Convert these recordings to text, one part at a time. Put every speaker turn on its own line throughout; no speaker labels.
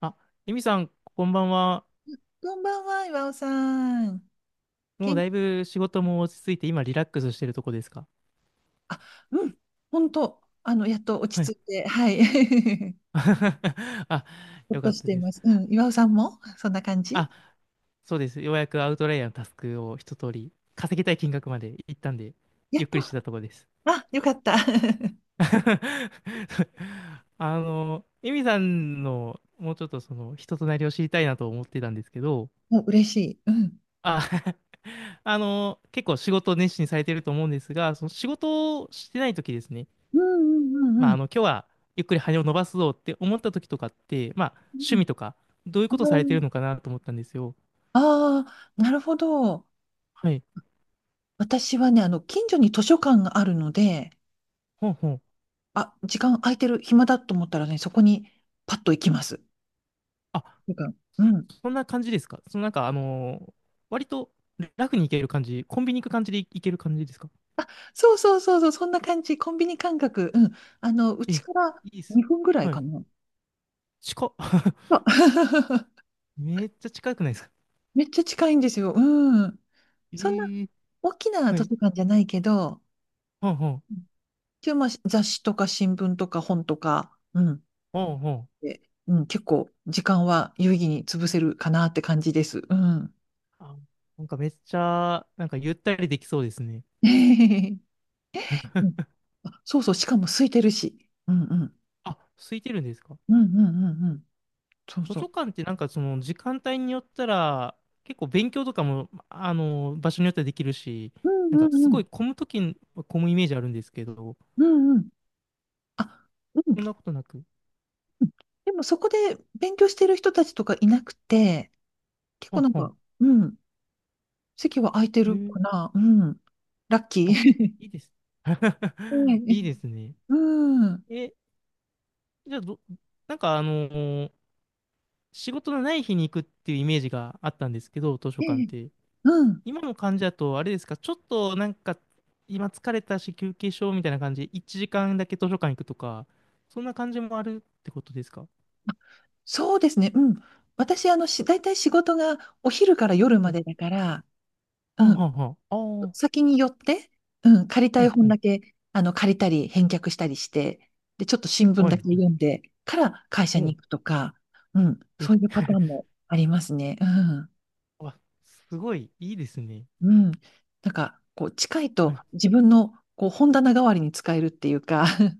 あ、エミさん、こんばんは。
こんばんは、岩尾さん。
もう
元
だ
気、
いぶ仕事も落ち着いて、今リラックスしてるとこですか？
あ、うん、本当、やっと落
はい。
ち着いて、はい。
あ、
ほっ
よ
と
かっ
し
た
てい
で
ま
す。
す。うん、岩尾さんもそんな感じ？
あ、そうです。ようやくアウトライヤーのタスクを一通り、稼ぎたい金額まで行ったんで、
やっ
ゆっくりして
た。
たとこです。
あ、よかった。
あの、エミさんの、もうちょっと人となりを知りたいなと思ってたんですけど、
もう嬉しい。うん。
あ、あの、結構仕事を熱心にされてると思うんですが、その仕事をしてない時ですね。
うんうんう
ま
んう
あ、あ
ん。
の、今日はゆっくり羽を伸ばすぞって思った時とかって、まあ、
う
趣
ん。
味とか、どういうことされてるのかなと思ったんですよ。
ああー、なるほど。
はい。
私はね、近所に図書館があるので、
ほんほん。
あ、時間空いてる、暇だと思ったらね、そこにパッと行きます。図
あ、
書館、うん。
そんな感じですか？そのなんか、割と楽に行ける感じ、コンビニ行く感じで行ける感じですか？
そうそうそうそう、そんな感じ。コンビニ感覚。うん。う
え、
ちから
いいっす。
2分ぐらい
は
か
い。
な。
近っ。
あ
めっちゃ近くないですか？
めっちゃ近いんですよ。うん。
え
そんな
ー、
大きな
は
図書
い。
館じゃないけど、
ほんほん。
一応まあ雑誌とか新聞とか本とか、うん。
ほんほん。
で、うん、結構時間は有意義に潰せるかなって感じです。うん。
あ、なんかめっちゃ、なんかゆったりできそうですね。
うん。あ、そうそう、しかも空いてるし。うんうん。
あ、空いてるんですか？
うんうんうんうん。そう
図
そ
書
う。
館ってなんかその時間帯によったら結構勉強とかもあの場所によってはできるし、
うん
なん
う
か
んう
すご
ん。
い混む時に混むイメージあるんですけど、
うんうん。あ、うん。
そんなことなく、
でもそこで勉強してる人たちとかいなくて、結
は
構
ん
なん
はん、
か、うん、席は空いて
え
るか
ー、
な。うん。ラッキ
あ、
ー。
いいです。
え え、
いいですね。
うん。
え、じゃあ、ど、なんかあの、仕事のない日に行くっていうイメージがあったんですけど、図書
え
館っ
え、
て
うん。
今の感じだと、あれですか、ちょっとなんか、今疲れたし休憩しようみたいな感じで、1時間だけ図書館行くとか、そんな感じもあるってことですか？
そうですね。うん。私、大体仕事がお昼から夜
は
ま
い。
でだから、
はあ
う
は
ん。
あはあ。ああ、う
先に寄って、うん。借りたい
んう
本
ん。
だけ、借りたり、返却したりして、で、ちょっと新聞
はい
だけ
はい。
読んでから会社
お
に
う、
行くとか、うん。
え、
そういうパタ ーンもありますね。うん。
わ、すごい、いいですね。
うん。なんか、こう、近い
は
と
い。
自分の、こう、本棚代わりに使えるっていうか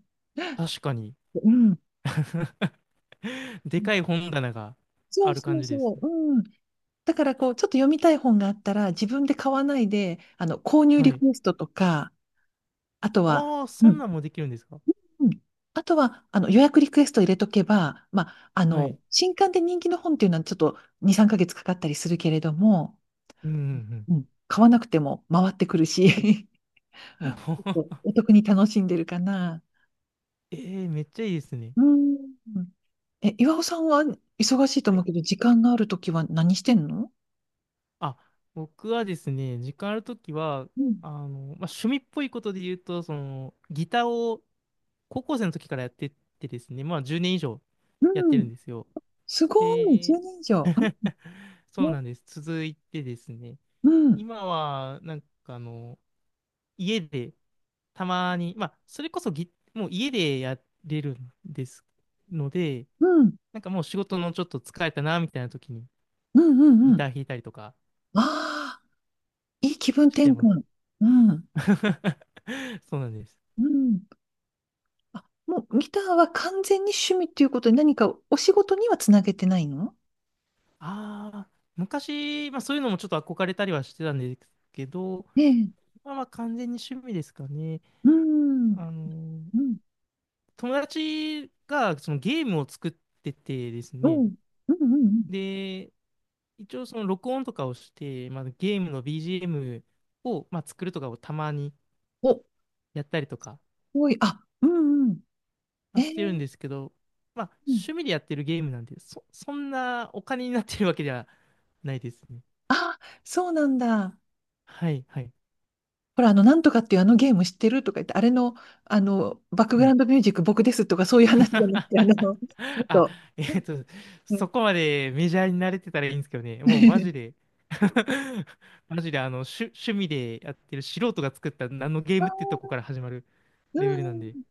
確かに。
うん。
でかい本棚が
そ
あ
う
る
そ
感
う
じです。
そう。うん。だから、こう、ちょっと読みたい本があったら、自分で買わないで、購入
は
リ
い。
クエストとか、あとは、
ああ、
う
そん
ん。
なんもできるんですか？
うん。あとは、予約リクエスト入れとけば、まあ、
はい。
新刊で人気の本っていうのはちょっと2、3ヶ月かかったりするけれども、
うんうん
うん。買わなくても回ってくるし
うん。おほほ、
お得に楽しんでるかな。
えー、めっちゃいいですね。
うん。え、岩尾さんは忙しいと
は
思う
い、
けど、時間があるときは何してんの？
あ、僕はですね、時間あるときは、
うん、
まあ、趣味っぽいことで言うと、その、ギターを高校生の時からやってってですね、まあ、10年以上やっ
う
てる
ん。
んですよ。
すごい、
で、
10年以上。うん。
そう
ね、
なんです。続いてですね、
うん、
今は、なんかあの、家で、たまに、まあ、それこそもう家でやれるんですので、
うん、
なんかもう仕事のちょっと疲れたな、みたいな時に
うん、うん、
ギ
う
タ
ん。
ー弾いたりとか
ああ、いい気分
し
転
てま
換。
す。
うん、
そうなんです。
うん。あ、もうギターは完全に趣味っていうことで何かお仕事にはつなげてないの？
ああ、昔、まあそういうのもちょっと憧れたりはしてたんですけど、
ええ、
まあまあ完全に趣味ですかね。
うん、うん、
あの、
うん、
友達がそのゲームを作っててです
う
ね、
ん、うん。うん。
で、一応その録音とかをして、まあ、ゲームの BGM を、まあ、作るとかをたまに
お、す
やったりとか、
ごい、あ、うん、うん。
ま
え
あしてるん
え、
ですけど、まあ趣味でやってるゲームなんで、そんなお金になってるわけではないですね。
そうなんだ。
はい、はい。
ほら、なんとかっていうあのゲーム知ってるとか言って、あれの、バックグラウンドミュージック僕ですとか、そういう話じゃなくて、もっ
あ、
と、
えっと、
うん。
そこまでメジャーに慣れてたらいいんですけどね、もうマジで。 マジであの趣味でやってる素人が作った何のゲー
あ
ムってとこか
ー、
ら始まるレベルなんで、
う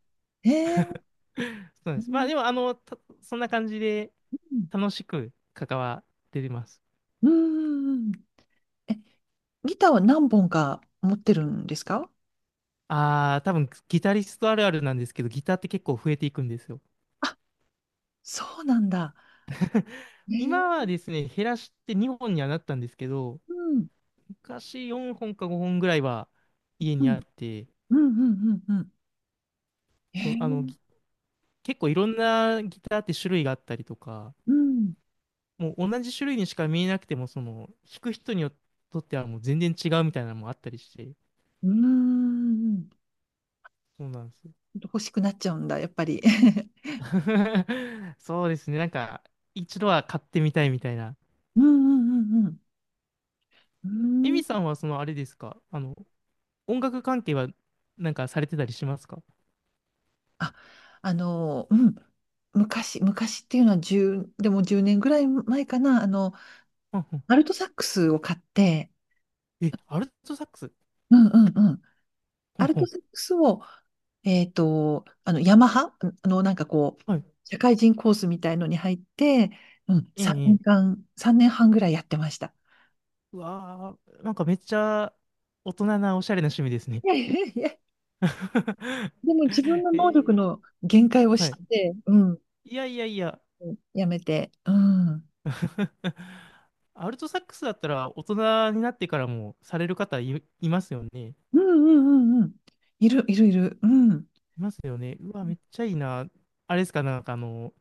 ん。えー、
そうなん
う
です。まあ
ん。
でも、あの、た、そんな感じで楽しく関わってます。
うん。え、ギターは何本か持ってるんですか？
ああ、多分ギタリストあるあるなんですけど、ギターって結構増えていくんですよ。
あ、そうなんだ。え
今
ー、
はですね、減らして2本にはなったんですけど、
うん。
昔4本か5本ぐらいは家
う
にあ
ん。
って、
うん。うん。うん。え
そう、
ー、
結構いろんなギターって種類があったりとか、
うん。
もう同じ種類にしか見えなくても、その、弾く人によっとってはもう全然違うみたいなのもあったりして、
うん。
そうなんですよ。
欲しくなっちゃうんだ、やっぱり。
そうですね、なんか、一度は買ってみたいみたいな。
うん。うん。うん。う
エ
ん。う
ミさ
ん。
んは、その、あれですか、あの、音楽関係は、なんかされてたりしますか？
あ、うん、昔、昔っていうのは10、でも1年ぐらい前かな、
うんうん、
アルトサックスを買って、
え、アルトサックス？
うんうんうん、
ほん
アル
ほ
ト
ん。
サックスを、ヤマハ、なんかこう、
はい。
社会人コースみたいのに入って、うん、
ええ、
3
え
年
え。
間、3年半ぐらいやってました。
うわー、なんかめっちゃ大人なおしゃれな趣味です ね。
いやいやいや、でも自分の
え
能力
ー、
の限界を
は
知っ
い。
て、うん、
いやいやいや。
やめて、うん、うん
アルトサックスだったら大人になってからもされる方いますよね。
うんうんうん、いるいるいる、うん。
いますよね。うわ、めっちゃいいな。あれですか、なんかあの、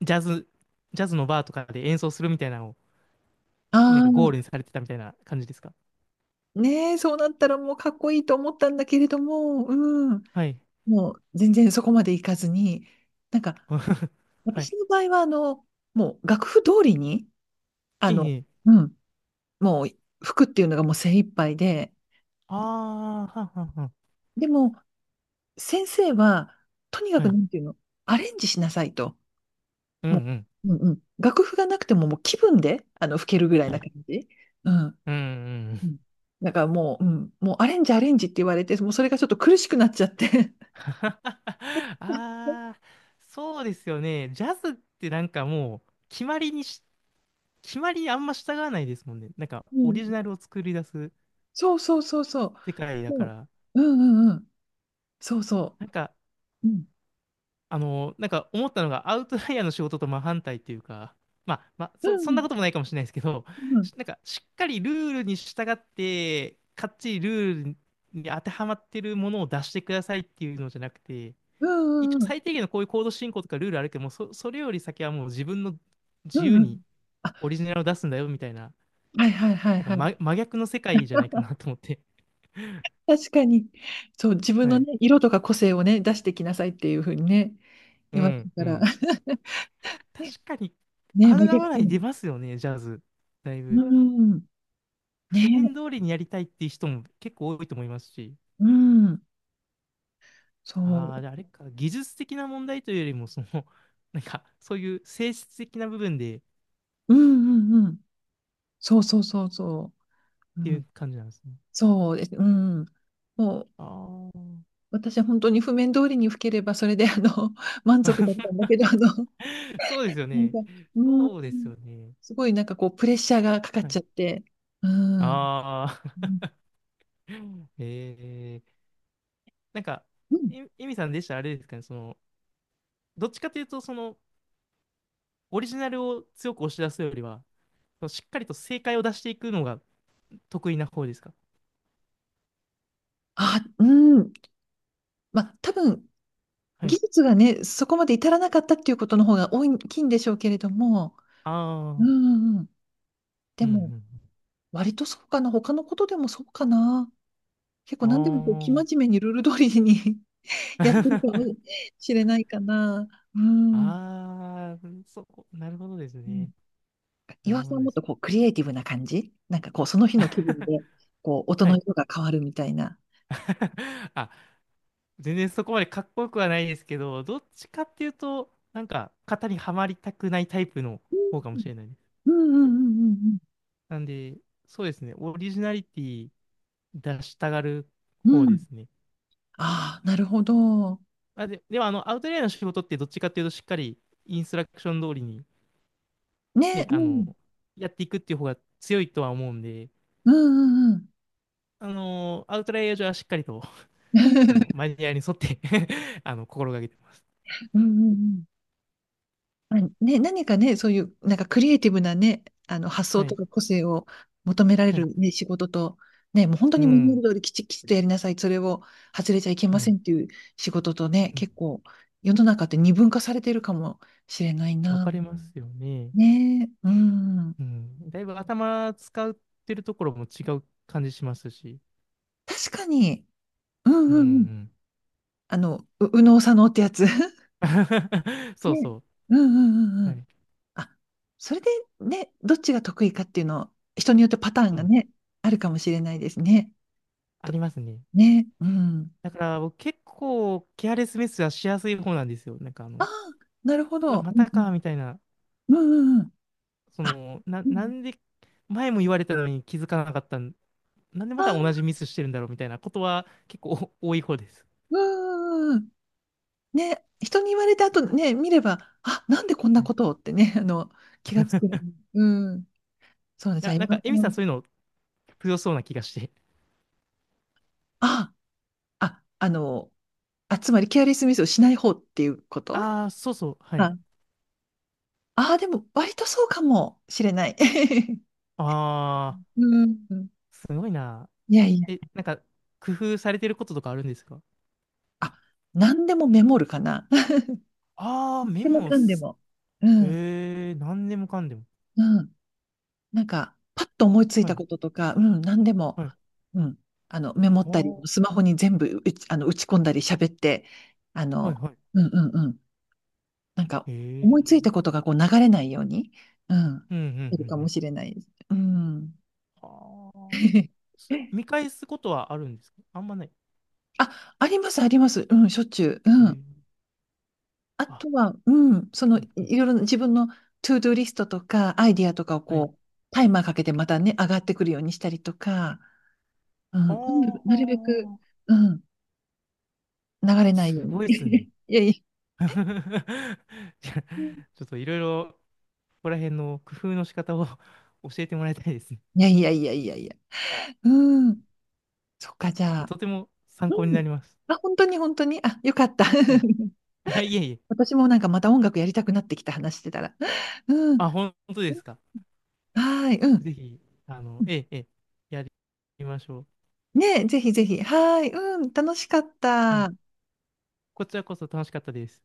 ジャズ、ジャズのバーとかで演奏するみたいなのを、
あ
なんかゴー
あ、
ルにされてたみたいな感じですか。
ねえ、そうなったらもうかっこいいと思ったんだけれども、うん、
はい。
もう全然そこまでいかずに、なんか
はい。
私の場合はもう楽譜通りに、あ
え
の、
え。
うん、もう服っていうのがもう精一杯で、
ああ、はんはんはん。
でも先生はとにか
は
くな
い。
んていうの、アレンジしなさいと。
うんう
もう、
ん。
うんうん、楽譜がなくてももう気分で吹けるぐらい
は
な
い。
感じ。うん。
うんうん。
うん。だからもう、うん、もうアレンジアレンジって言われて、もうそれがちょっと苦しくなっちゃって。
ああ、そうですよね。ジャズってなんかもう、決まりあんま従わないですもんね。なんか、
う
オ
ん。
リジナルを作り出す
そうそうそうそう。
世界だ
そ
か
う。
ら、
うんうんうん。そうそ
なんか、
う。うん。
あの、なんか思ったのが、アウトライヤーの仕事と真反対っていうか、まあ、まあ、
う
そん
ん
なこともないかもしれないですけど、
うん
し、なんか、しっかりルールに従って、かっちりルールに当てはまってるものを出してくださいっていうのじゃなくて、
うん
一応
うんうん
最低限のこういうコード進行とかルールあるけども、それより先はもう自分の自
うん
由
う
に
ん。あ、
オリジナルを出すんだよみたいな、
はいはいはい
なんか
はい。
真逆の世界じゃないかなと思って。
確かに。そう、自分
は
の
い。
ね、色とか個性をね、出してきなさいっていうふうにね、
う
言われ
ん
るか
う
ら。
ん。確かに、
ね、
合う
真
合わ
逆。
ない出ますよね、ジャズ。だい
う
ぶ。
ん。ね、
譜面通りにやりたいっていう人も結構多いと思いますし。
うん。そ
ああ、
う。
であれか、技術的な問題というよりも、その、なんか、そういう性質的な部分でっ
うんうんうん。そうそうそうそう。う
ていう
ん。
感じなんですね。
そうです。うん。もう、
あ
私は本当に譜面通りに吹ければ、それで満
あ。
足だったんだけど、
そうですよ
なん
ね。
か、うん。
そうですよね。
すごいなんかこう、プレッシャーがかかっ
はい、
ちゃって。うん。
あ
う
あ。
ん。
えー、なんか、
うん。
え、エミさんでしたらあれですかね、その、どっちかというと、その、オリジナルを強く押し出すよりは、しっかりと正解を出していくのが得意な方ですか？
あ、うん。まあ、多分、
は
技
い。
術がね、そこまで至らなかったっていうことの方が多い大きいんでしょうけれども。う
あ
ん
あ、
うんうん。で
うんう
も、
ん。
割とそうかな。他のことでもそうかな。結
あ
構何でもこう、生
あ。
真面目にルール通りに やってるかも しれないかな。うん。
ああ、そこ、なるほどです
うん。
ね。なる
岩
ほ
さん
ど
は
で
もっ
す。
とこう、クリエイティブな感じなんかこう、その日の気分で、こう、音
は
の
い。
色が変わるみたいな。
あ、全然そこまでかっこよくはないですけど、どっちかっていうと、なんか、型にはまりたくないタイプの
う
方かも
ん
しれないです。
うんうんうん
なんで、そうですね、オリジナリティ出したがる
うん
方
う
で
ん。
すね。
ああ、なるほど。
あ、で、でもあの、アウトレイヤーの仕事ってどっちかっていうと、しっかりインストラクション通りに、
ね、
ね、
う
あの、
ん。
やっていくっていう方が強いとは思うんで、
うんうんうん。
あの、アウトレイヤー上はしっかりと、あの、マ ニュアルに沿って、 あの、心がけてます。
うんうんうん。まあ、ね、何かね、そういう、なんかクリエイティブなね、発想
は
と
い、
か個性を求められ
はい。
るね、仕事と、ね、もう本当
う
にマニュアル
ん、
通りきちっきちっとやりなさい、それを外れちゃいけ
う
ませ
ん、
んっていう仕事とね、
うん。
結構、世の中って二分化されてるかもしれない
わ
な。
かりますよね。
ね、うん。
うん。だいぶ頭使ってるところも違う感じしますし。
確かに、うん
うん、う
うんうん。
ん。
う右脳左脳ってやつ。
そう
ね。
そ
うんうんうん
う。
う
は
ん。
い。
あ、それでね、どっちが得意かっていうの、人によってパターン
う
が
ん。
ね、あるかもしれないですね。
あ
と、
りますね。
ね、うん。
だから僕結構ケアレスミスはしやすい方なんですよ。なんかあ
あ
の、
あ、なるほ
わ、
ど。
ま
うん
たか、みたいな、
うん。うんうんうん。
そ
あ、
の、
う
な
ん。
んで、前も言われたのに気づかなかったん、なんでまた
あ、
同じミスしてるんだろう、みたいなことは結構お多い方です。
うんうんうん。ね、人に言われた後
は
ね、見れば、あ、なんでこん
い
な
はい、
こ
い
とをってね、気がつく。うん。そうね、じゃ
や、
あ、今。
なんか、エミさんそういうの強そうな気がして。
ああ、あ、あ、つまりケアレスミスをしない方っていうこと？
ああ、そうそう、はい。
ああ、でも割とそうかもしれない。
ああ、
うん。
すごいな。
いやいや。
え、なんか、工夫されてることとかあるんですか？
あ、何でもメモるかな。何
ああー、メ
でも
モ
かんで
す、
も。うん。
ええ、何でもかんでも。
うん。なんか、パッと思いつい
は
た
い、
こととか、うん、何でも、
はい。
うん。メモ
あ
ったり、
ー、
スマホに全部うち、あの、打ち込んだり喋って、あ
はい、
の、
はい。
うんうんうん。なんか、
え
思いついた
え、
ことがこう流れないように、うん。
うん、うん、
いるか
う
も
ん、
しれないです。うん。
はあ、 それ、見返すことはあるんですか？あんまない。
あ、あります、あります。うん、しょっちゅう。
え
うん。
ー、
あ
あ、
とは、うん、その、
うん
い
うん。
いろいろ自分のトゥードゥリストとか、アイディアとかを
はい。
こう、タイマーかけてまたね、上がってくるようにしたりとか、うん、とにかく
は
なるべく、
あ、
うん、流れないよ
す
うに。
ごいですね。
いやい
じゃあちょっといろいろ、ここら辺の工夫の仕方を 教えてもらいたいですね。
や、いやいやいやいやいや。うん、そっか、じゃあ、
とても参
う
考にな
ん。
ります。
あ、本当に本当に、あ、よかった。
はい。はい、いえいえ。
私もなんかまた音楽やりたくなってきた話してたら。うん。
あ、本当ですか。
はい、うん。
ぜひ、あの、ええ、ええ、やりましょ
ねえ、ぜひぜひ。はい、うん、楽しかっ
う。はい。
た。
こちらこそ楽しかったです。